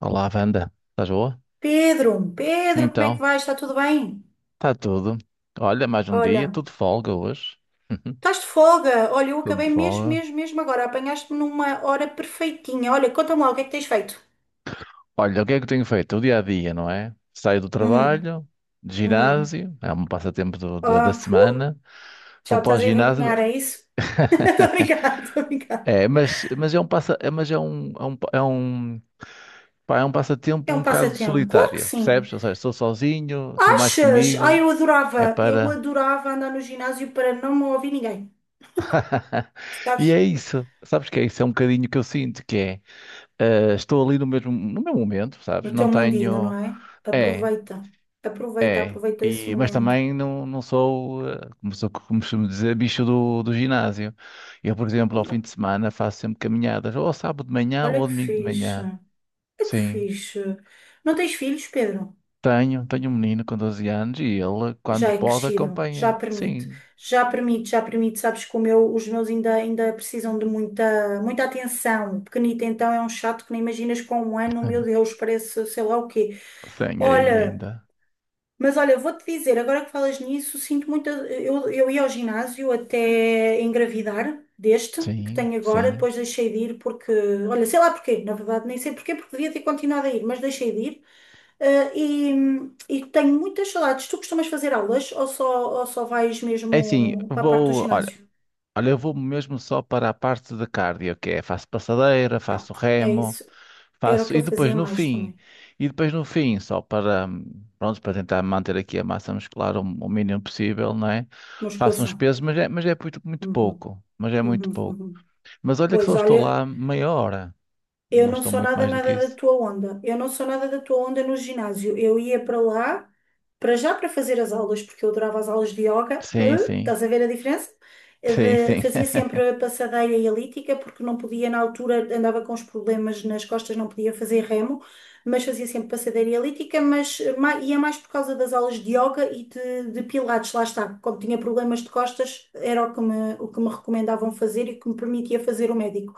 Olá, Wanda. Estás boa? Pedro, Pedro, como é que Então, vais? Está tudo bem? está tudo. Olha, mais um dia, Olha, tudo de folga hoje. estás de folga? Olha, eu Tudo acabei de mesmo, folga. mesmo, mesmo agora. Apanhaste-me numa hora perfeitinha. Olha, conta-me lá o que é que tens feito. Olha, o que é que eu tenho feito? O dia a dia, não é? Saio do Uhum, trabalho, de uhum. ginásio, é um passatempo da Ah, semana. já Vou me para o estás a ginásio. envergonhar, é isso? Estou a brincar, estou a brincar. É, mas pá, é um É passatempo um um bocado passatempo, claro que solitário, sim. percebes? Ou seja, estou sozinho, estou mais Achas? Ah, comigo. É eu para. adorava andar no ginásio para não me ouvir ninguém, E é sabes? isso. Sabes que é isso? É um bocadinho que eu sinto que é. Estou ali no mesmo, no meu momento, No sabes? Não teu mundinho, não tenho. é? É, Aproveita, aproveita, é. aproveita esse E, mas momento. também não sou, como costumo dizer, bicho do ginásio. Eu, por exemplo, ao fim de semana faço sempre caminhadas, ou ao sábado de manhã ou Olha ao que domingo de fixe. manhã. Que Sim. fixe. Não tens filhos, Pedro? Tenho um menino com 12 anos e ele, Já quando é pode, crescido, já acompanha. permite. Sim, Já permite, já permite. Sabes que os meus ainda precisam de muita, muita atenção. O pequenito então é um chato que nem imaginas com 1 ano, meu Deus, parece sei lá o quê. tenho aí Olha. ainda. Mas olha, vou-te dizer, agora que falas nisso, sinto muita. Eu ia ao ginásio até engravidar deste que Sim, tenho agora, sim. depois deixei de ir porque. Olha, sei lá porquê, na verdade, nem sei porquê, porque devia ter continuado a ir, mas deixei de ir. Ah, e tenho muitas saudades. Tu costumas fazer aulas ou ou só vais É assim, mesmo para a parte do olha, ginásio? olha, eu vou mesmo só para a parte de cardio, que é faço passadeira, faço Pronto, é remo. isso. Era o Faço, que eu e depois fazia no mais fim, também. e depois no fim, pronto, para tentar manter aqui a massa muscular o mínimo possível, não é? Faço uns Musculação. pesos, mas é muito, muito Uhum, pouco, mas é muito uhum, pouco. uhum. Mas olha que Pois só estou olha. lá meia hora, Eu não não estou sou muito nada, mais do que nada da isso. tua onda. Eu não sou nada da tua onda no ginásio. Eu ia para lá, para já para fazer as aulas, porque eu adorava as aulas de yoga. Sim, sim, Estás a ver a diferença? Eh, sim, sim, fazia sempre a passadeira e elíptica, porque não podia, na altura andava com os problemas nas costas, não podia fazer remo, mas fazia sempre passadeira e elíptica, mas ia mais por causa das aulas de yoga e de pilates, lá está. Como tinha problemas de costas, era o que me recomendavam fazer e que me permitia fazer o médico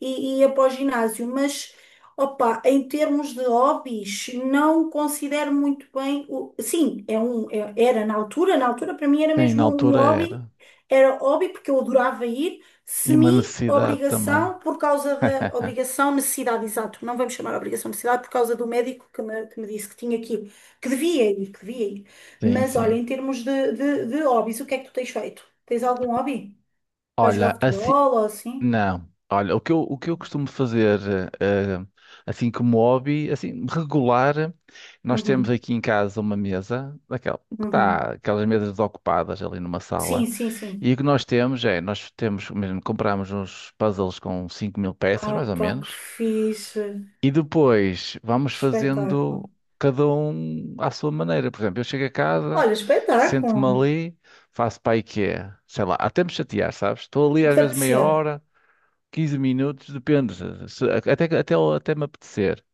e ia para o ginásio, mas opa, em termos de hobbies, não considero muito bem o. Sim, era na altura, para mim era sim, na mesmo um altura hobby, era. era hobby porque eu adorava ir, E uma necessidade também. semi-obrigação por causa da obrigação, necessidade, exato, não vamos chamar obrigação, necessidade, por causa do médico que me disse que tinha que ir, que devia ir, que devia ir. Sim, Mas olha, sim. em termos de hobbies, o que é que tu tens feito? Tens algum hobby? Vais jogar Olha, assim. futebol ou assim? Não. Olha, o que eu costumo fazer, eh, assim como hobby, assim, regular, nós temos Uhum, aqui em casa uma mesa, daquela, que uhum. está, aquelas mesas ocupadas ali numa Sim, sala, sim, sim. e o que nós temos é, nós temos, mesmo, compramos uns puzzles com 5.000 peças, mais ou Opa, que menos, fixe. e depois vamos Espetáculo. fazendo cada um à sua maneira. Por exemplo, eu chego a casa, Olha, sento-me espetáculo. ali, faço para aí quê? Sei lá, até me chatear, sabes? Estou ali O que às te vezes meia apetecer. hora 15 minutos, depende, até me apetecer.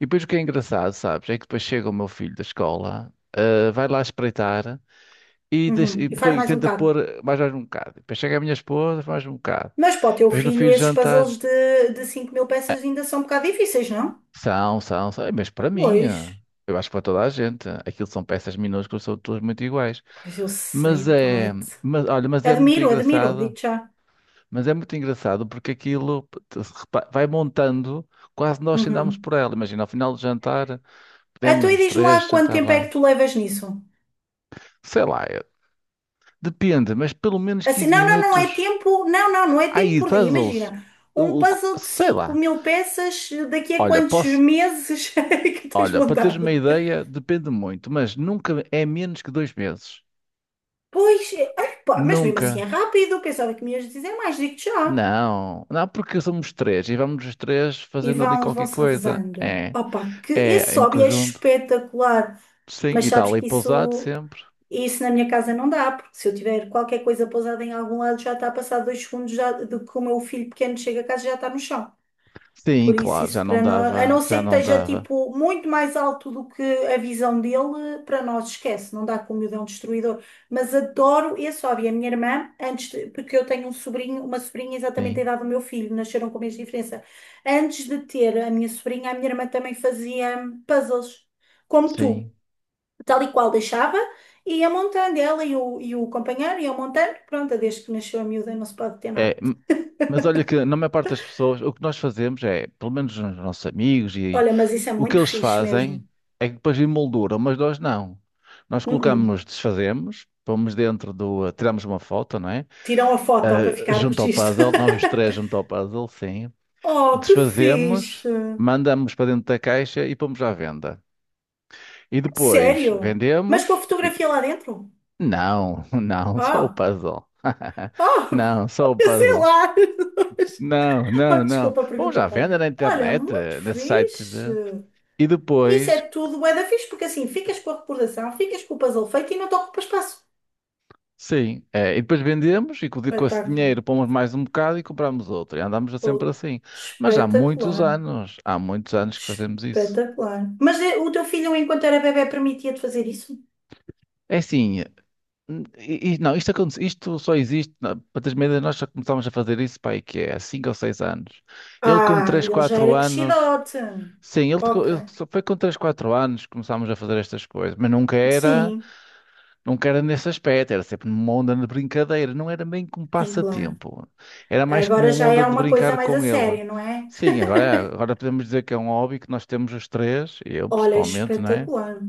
E depois o que é engraçado, sabes, é que depois chega o meu filho da escola, vai lá espreitar Uhum. E faz mais um tenta bocado. pôr mais um bocado. Depois chega a minha esposa, mais um bocado. Mas para o teu Depois no fim filho, do esses jantar, puzzles de 5000 peças ainda são um bocado difíceis, não? Mas para mim, Pois. Eu acho que para toda a gente, aquilo são peças minúsculas, são todas muito iguais. Pois eu sei, Mas é, pai. mas, olha, mas é muito Admiro, admiro. engraçado Digo-te já. Mas é muito engraçado porque aquilo te- se repa- vai montando, quase nós andamos Uhum. por ela. Imagina, ao final do jantar, Então, podemos e os diz-me três lá quanto jantar tempo é que lá. tu levas nisso? Sei lá, depende, mas pelo menos Assim, 15 não, não, não é minutos. tempo. Não, não, não é tempo Aí, por dia. puzzles, Imagina. Um o- o- puzzle de sei cinco lá. mil peças, daqui a Olha, quantos meses é que tens olha, para teres uma montado? ideia, depende muito, mas nunca é menos que 2 meses. Pois, é, ai, pá, mas mesmo Nunca. assim é rápido, eu pensava que me ias dizer é mais, digo-te já. Não, não, porque somos três e vamos os três E fazendo ali vão, qualquer vão-se coisa. revezando. É, Opa, que é esse em hobby é conjunto. espetacular, Sim, mas e está sabes ali que pousado isso, sempre. isso na minha casa não dá, porque se eu tiver qualquer coisa pousada em algum lado, já está a passar 2 segundos já, de que o meu filho pequeno chega a casa e já está no chão. Sim, Por isso, claro, isso já não para nós, a dava, não ser já que não esteja dava. tipo muito mais alto do que a visão dele, para nós esquece, não dá com o miudão destruidor. Mas adoro esse hobby. A minha irmã, porque eu tenho um sobrinho, uma sobrinha exatamente da Sim, idade do meu filho, nasceram com a mesma diferença. Antes de ter a minha sobrinha, a minha irmã também fazia puzzles, como sim. tu, tal e qual deixava, e ia montando ela e o companheiro, ia montando. Pronto, desde que nasceu a miúda, não se pode ter nada. É, mas olha que na maior parte das pessoas, o que nós fazemos é, pelo menos os nossos amigos e Olha, mas isso é o que muito eles fixe fazem mesmo. é que depois emolduram, mas nós não. Nós Uh-uh. colocamos, desfazemos, pomos dentro do, tiramos uma foto, não é? Tiram a foto para ficar Junto ao registro. puzzle, nós os três junto ao puzzle, sim. Oh, que Desfazemos, fixe! mandamos para dentro da caixa e pomos à venda. E depois Sério? Mas com a vendemos. fotografia lá dentro? Não, não, só o Oh, puzzle. oh, Não, só o eu sei puzzle. lá. Não, Oh, não, não. desculpa a Bom, pergunta, já vende Bárbara. na Olha, internet, muito nesses sites fixe. de... E Isso é depois, tudo bué da fixe, porque assim, ficas com a recordação, ficas com o puzzle feito e não te ocupa espaço. sim, e depois vendemos e com esse Espetáculo. dinheiro pomos mais um bocado e compramos outro. E andamos sempre Oh, assim. Mas espetacular. Há muitos anos que fazemos isso. Espetacular. Mas o teu filho, enquanto era bebé, permitia-te fazer isso? É assim, não, isto só existe, para teres uma ideia, nós já começámos a fazer isso, pai, que é há 5 ou 6 anos. Ele com Ah, 3, ele já 4 era anos... crescidote. Sim, ele Ok. só foi com 3, 4 anos que começámos a fazer estas coisas, mas nunca era, Sim, nunca era nesse aspecto, era sempre numa onda de brincadeira, não era bem como sim, claro. passatempo, era mais como Agora uma já onda é de uma coisa brincar mais a com ele. sério, não é? Sim, agora podemos dizer que é um hobby que nós temos os três, eu Olha, principalmente, não é? espetacular,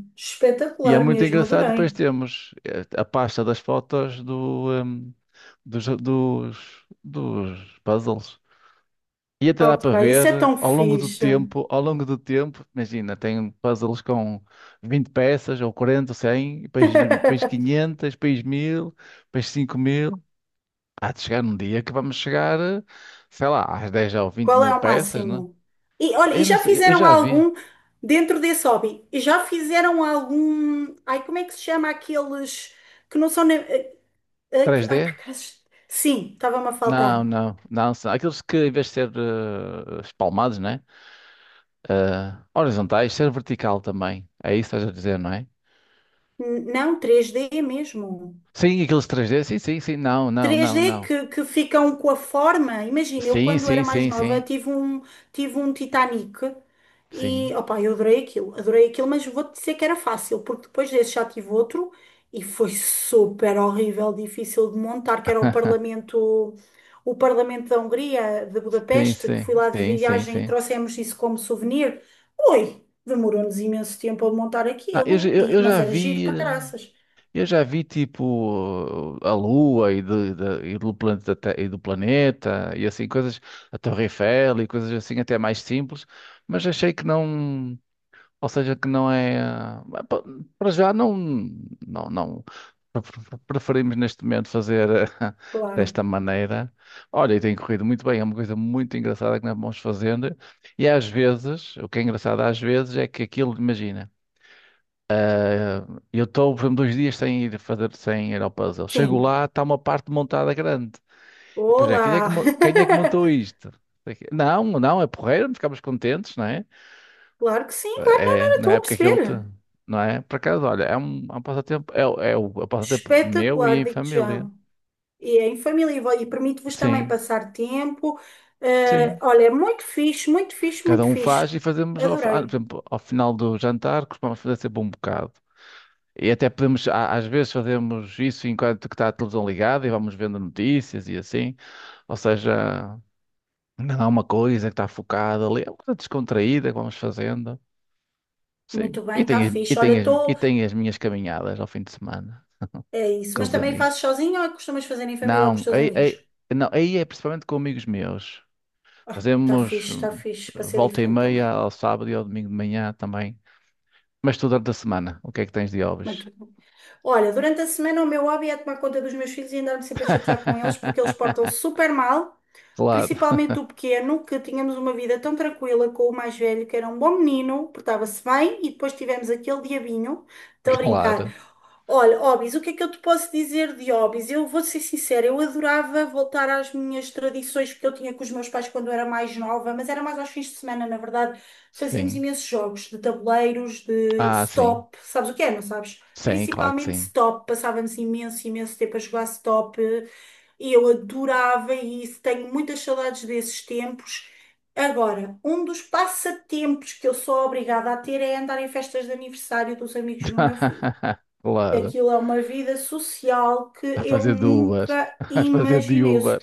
E é espetacular muito mesmo, engraçado, depois adorei. temos a pasta das fotos dos, dos, dos puzzles. E até dá Ok, para isso ver é tão ao longo do fixe. tempo, ao longo do tempo, imagina, tem puzzles com 20 peças, ou 40 ou 100, e depois 500, depois 1.000 depois 5.000. Há de chegar um dia que vamos chegar, sei lá, às dez ou vinte Qual mil é o peças, né? máximo? E Opa, olha, e eu não já sei, eu fizeram já vi. algum dentro desse hobby? E já fizeram algum? Ai, como é que se chama aqueles que não são nem... três Ai, d para acaso. Sim, estava-me a Não, faltar. não, não, são aqueles que em vez de ser espalmados, né? Horizontais, ser vertical também. É isso que estás a dizer, não é? Não, três d mesmo. Sim, aqueles 3D sim, sim, sim, não, não, não, 3D não. que ficam com a forma. Imagina, eu Sim, quando sim, era mais sim, nova sim. tive um, Titanic e Sim. opa, eu adorei aquilo, mas vou-te dizer que era fácil, porque depois desse já tive outro e foi super horrível, difícil de montar, que era o Parlamento da Hungria, de Sim, Budapeste, que fui sim, lá de sim, sim, viagem e sim. trouxemos isso como souvenir. Oi, demorou-nos imenso tempo a montar Ah, eu, já- aquilo, eu, eu mas já era giro vi, para caraças, eu já vi tipo a Lua e, e do planeta, e do planeta e assim coisas, a Torre Eiffel e coisas assim até mais simples, mas achei que não. Ou seja, que não é. Para já não, não, não preferimos neste momento fazer ah, claro. desta maneira. Olha, e tem corrido muito bem, é uma coisa muito engraçada que nós vamos fazendo. E às vezes, o que é engraçado às vezes é que aquilo, imagina, ah, eu estou, por exemplo, 2 dias sem ir fazer, sem ir ao puzzle. Chego Sim. lá, está uma parte montada grande. E depois é, Olá! Quem é que montou isto? Não, não, é porreiro, ficamos contentes, não é? Claro que sim, claro, não, não, É, não, na estou a época que ele te, perceber. não é? Por acaso, olha, é um passatempo meu e Espetacular, em digo-te já. família. E é em família e permite-vos também Sim, passar tempo. Eh, sim. olha, é muito fixe, muito fixe, Cada muito um fixe. faz e fazemos, por Adorei. exemplo, ao final do jantar, costumamos fazer sempre um bocado. E até às vezes fazemos isso enquanto que está a televisão ligada e vamos vendo notícias e assim. Ou seja, ainda há uma coisa que está focada ali, é uma coisa descontraída que vamos fazendo. Sim. Muito E bem, está tem, as- e fixe. Olha, tem, as- e estou. tem as minhas caminhadas ao fim de semana É isso, com mas os também fazes amigos. sozinho ou costumas fazer em família ou com os Não, teus amigos? não, aí é principalmente com amigos meus. Ah, está Fazemos fixe, está fixe, para ser volta e diferente também. meia ao sábado e ao domingo de manhã também. Mas tu durante a semana, o que é que tens de hobbies? Muito bom. Olha, durante a semana o meu hobby é tomar conta dos meus filhos e andar-me sempre a chatear com eles porque eles portam-se super mal. Claro, Principalmente o pequeno, que tínhamos uma vida tão tranquila com o mais velho, que era um bom menino, portava-se bem, e depois tivemos aquele diabinho. Estou a brincar. claro. Olha, hobbies, o que é que eu te posso dizer de hobbies? Eu vou ser sincera, eu adorava voltar às minhas tradições que eu tinha com os meus pais quando eu era mais nova, mas era mais aos fins de semana, na verdade. Fazíamos Sim. imensos jogos de tabuleiros, de Ah, sim. stop. Sabes o que é, não sabes? Sim, claro que Principalmente sim. stop. Passávamos imenso, imenso tempo a jogar stop. E eu adorava isso, tenho muitas saudades desses tempos. Agora, um dos passatempos que eu sou obrigada a ter é andar em festas de aniversário dos amigos do meu filho. Claro. Aquilo é uma vida social que A eu fazer de Uber. nunca A fazer de imaginei. Uber.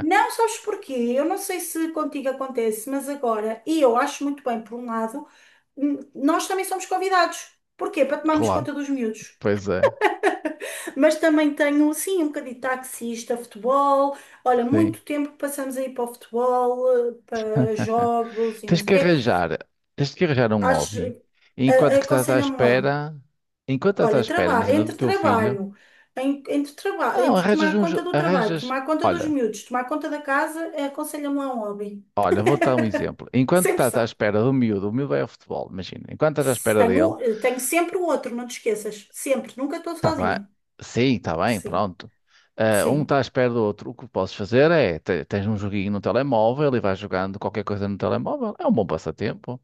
Não sabes porquê? Eu não sei se contigo acontece, mas agora, e eu acho muito bem, por um lado, nós também somos convidados. Porquê? Para tomarmos Claro. conta dos miúdos. Pois é. Mas também tenho, sim, um bocadinho de taxista, futebol. Olha, Sim. muito tempo que passamos aí para o futebol, para jogos e não Tens sei o que quê. arranjar, tens que arranjar um Acho, hobby enquanto que estás à aconselha-me lá. espera, enquanto estás à Olha, espera, imagina, do entre teu filho, trabalho, entre trabalho, não, entre tomar conta do trabalho, tomar conta dos olha, miúdos, tomar conta da casa, aconselha-me lá um hobby. olha, vou-te dar um exemplo. Enquanto Sempre estás à sabe. espera do miúdo, o miúdo é o futebol, imagina, enquanto estás à Se espera dele, tenho, tenho sempre o outro, não te esqueças. Sempre, nunca estou está bem, sozinha. sim, está bem, Sim, pronto. Ah, um sim. está à espera do outro, o que podes fazer é, tens um joguinho no telemóvel e vais jogando qualquer coisa no telemóvel, é um bom passatempo.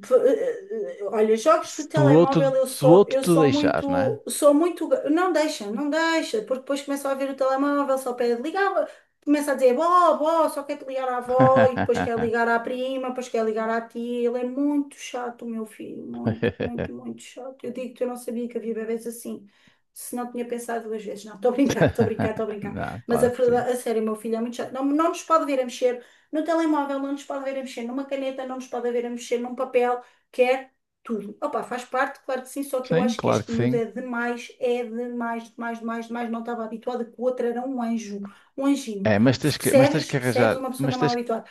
Olha, jogos de Se o telemóvel outro, eu se o sou, outro te deixar, não é? muito, não deixa, não deixa, porque depois começa a ver o telemóvel, só pede ligar, começa a dizer, bó, bó, só quer te ligar à avó, e depois quer ligar à prima, depois quer ligar à tia, ele é muito chato, o meu filho, muito, muito, muito chato. Eu digo que eu não sabia que havia bebés assim, se não tinha pensado duas vezes, não, estou a brincar, estou a brincar, estou a brincar, Não, mas a claro que sim. verdade, a sério, o meu filho é muito chato, não, não nos pode ver a mexer no telemóvel não nos pode ver a mexer numa caneta, não nos pode ver a mexer num papel, quer tudo. Opa, faz parte, claro que sim, só que eu Sim, acho que claro que este miúdo sim. É demais, demais, demais, demais. Não estava habituada que o outro era um anjo, um anjinho. É, mas Se tens que, mas tens percebes, que arranjar, percebes, uma pessoa não é mal habituada.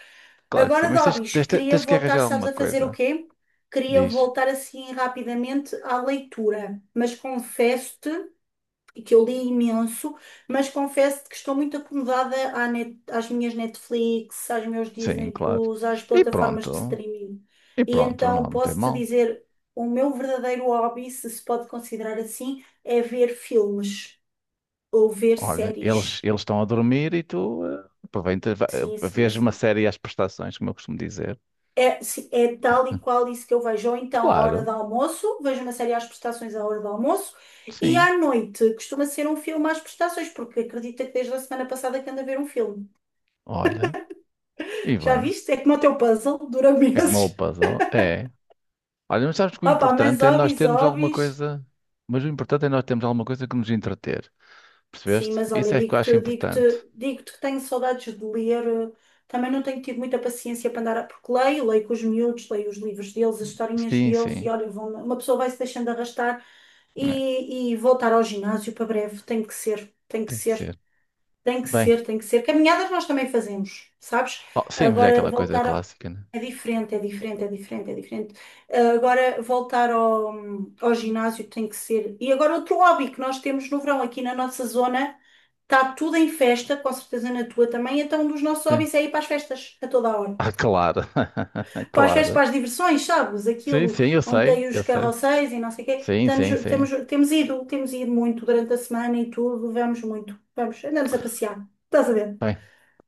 claro que sim, Agora, mas tens, Dobis, tens, queria tens que voltar, arranjar sabes, alguma a fazer coisa. o quê? Queria Diz. voltar assim rapidamente à leitura, mas confesso-te e que eu li imenso, mas confesso que estou muito acomodada às minhas Netflix, aos meus Sim, Disney claro. Plus, às E plataformas de pronto. streaming. E E pronto, não, então não tem posso-te mal. dizer, o meu verdadeiro hobby, se se pode considerar assim, é ver filmes ou ver Olha, eles séries. eles estão a dormir e tu aproveitas, Sim, sim, vês uma sim. série às prestações, como eu costumo dizer. É, sim, é tal e qual isso que eu vejo. Ou então, à hora Claro, do almoço, vejo uma série às prestações à hora do almoço, e sim. à noite costuma ser um filme às prestações, porque acredita que desde a semana passada que ando a ver um filme. Olha, e Já bem. viste? É como o teu puzzle, dura É como é o meses. puzzle. É. Olha, mas sabes que o Opa, mas importante é nós hobbies, termos alguma hobbies. coisa, mas o importante é nós termos alguma coisa que nos entreter. Sim, Percebeste? mas olha, Isso é que eu acho digo-te, digo-te, importante. digo-te que tenho saudades de ler. Também não tenho tido muita paciência para andar a... Porque leio, leio com os miúdos, leio os livros deles, as historinhas Sim, deles. E sim. olha, vão... uma pessoa vai se deixando arrastar É, e voltar ao ginásio para breve. Tem que ser, tem que tem que ser. ser. Tem que Bem, ser, tem que ser. Caminhadas nós também fazemos, sabes? oh, sim, mas é Agora aquela coisa voltar a... clássica, né? é diferente, é diferente, é diferente, é diferente. Ah, agora voltar ao ginásio tem que ser. E agora outro hobby que nós temos no verão aqui na nossa zona, está tudo em festa, com certeza na tua também, então um dos nossos Sim. hobbies é ir para as festas a toda a hora. Ah, claro. Para as festas, Claro. para as diversões, sabes? Sim, Aquilo sim, eu onde sei, tem os eu sei. carrosséis e não sei o quê. Sim, sim, sim. Temos ido muito durante a semana e tudo, vamos muito, vamos, andamos a passear. Estás a ver? Bem,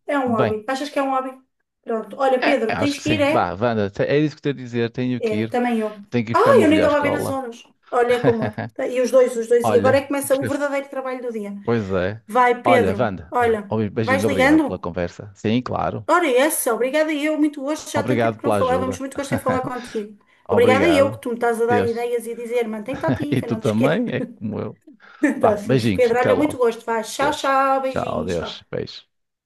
É um bem. hobby. Achas que é um hobby? Pronto. Olha, É, é, Pedro, acho tens que que sim. ir, é? Bah, Wanda, é isso que tenho a dizer. Tenho que É, ir. também eu. Tenho que ir buscar o Ah, meu eu nem filho à estava a ver as escola. horas. Olha como eu. Tá, e os dois, os dois. E agora é Olha, que começa o gostei. verdadeiro trabalho do dia. Pois é. Vai, Olha, Pedro. Wanda, vá, Olha, um vais beijinho, obrigado pela ligando? conversa. Sim, claro. Ora, essa, obrigada eu. Muito gosto, já há tanto tempo Obrigado que não pela falávamos. ajuda. Muito gosto em falar contigo. Obrigada eu que Obrigado. tu me estás a dar Deus. ideias e a dizer, mantém-te E ativa, tu não te esqueças. também, é como eu. Está Vá, fixe. beijinhos, Pedro, até olha, muito logo. gosto. Vai, tchau, Deus. tchau. Tchau, Beijinhos, Deus. tchau. Beijo.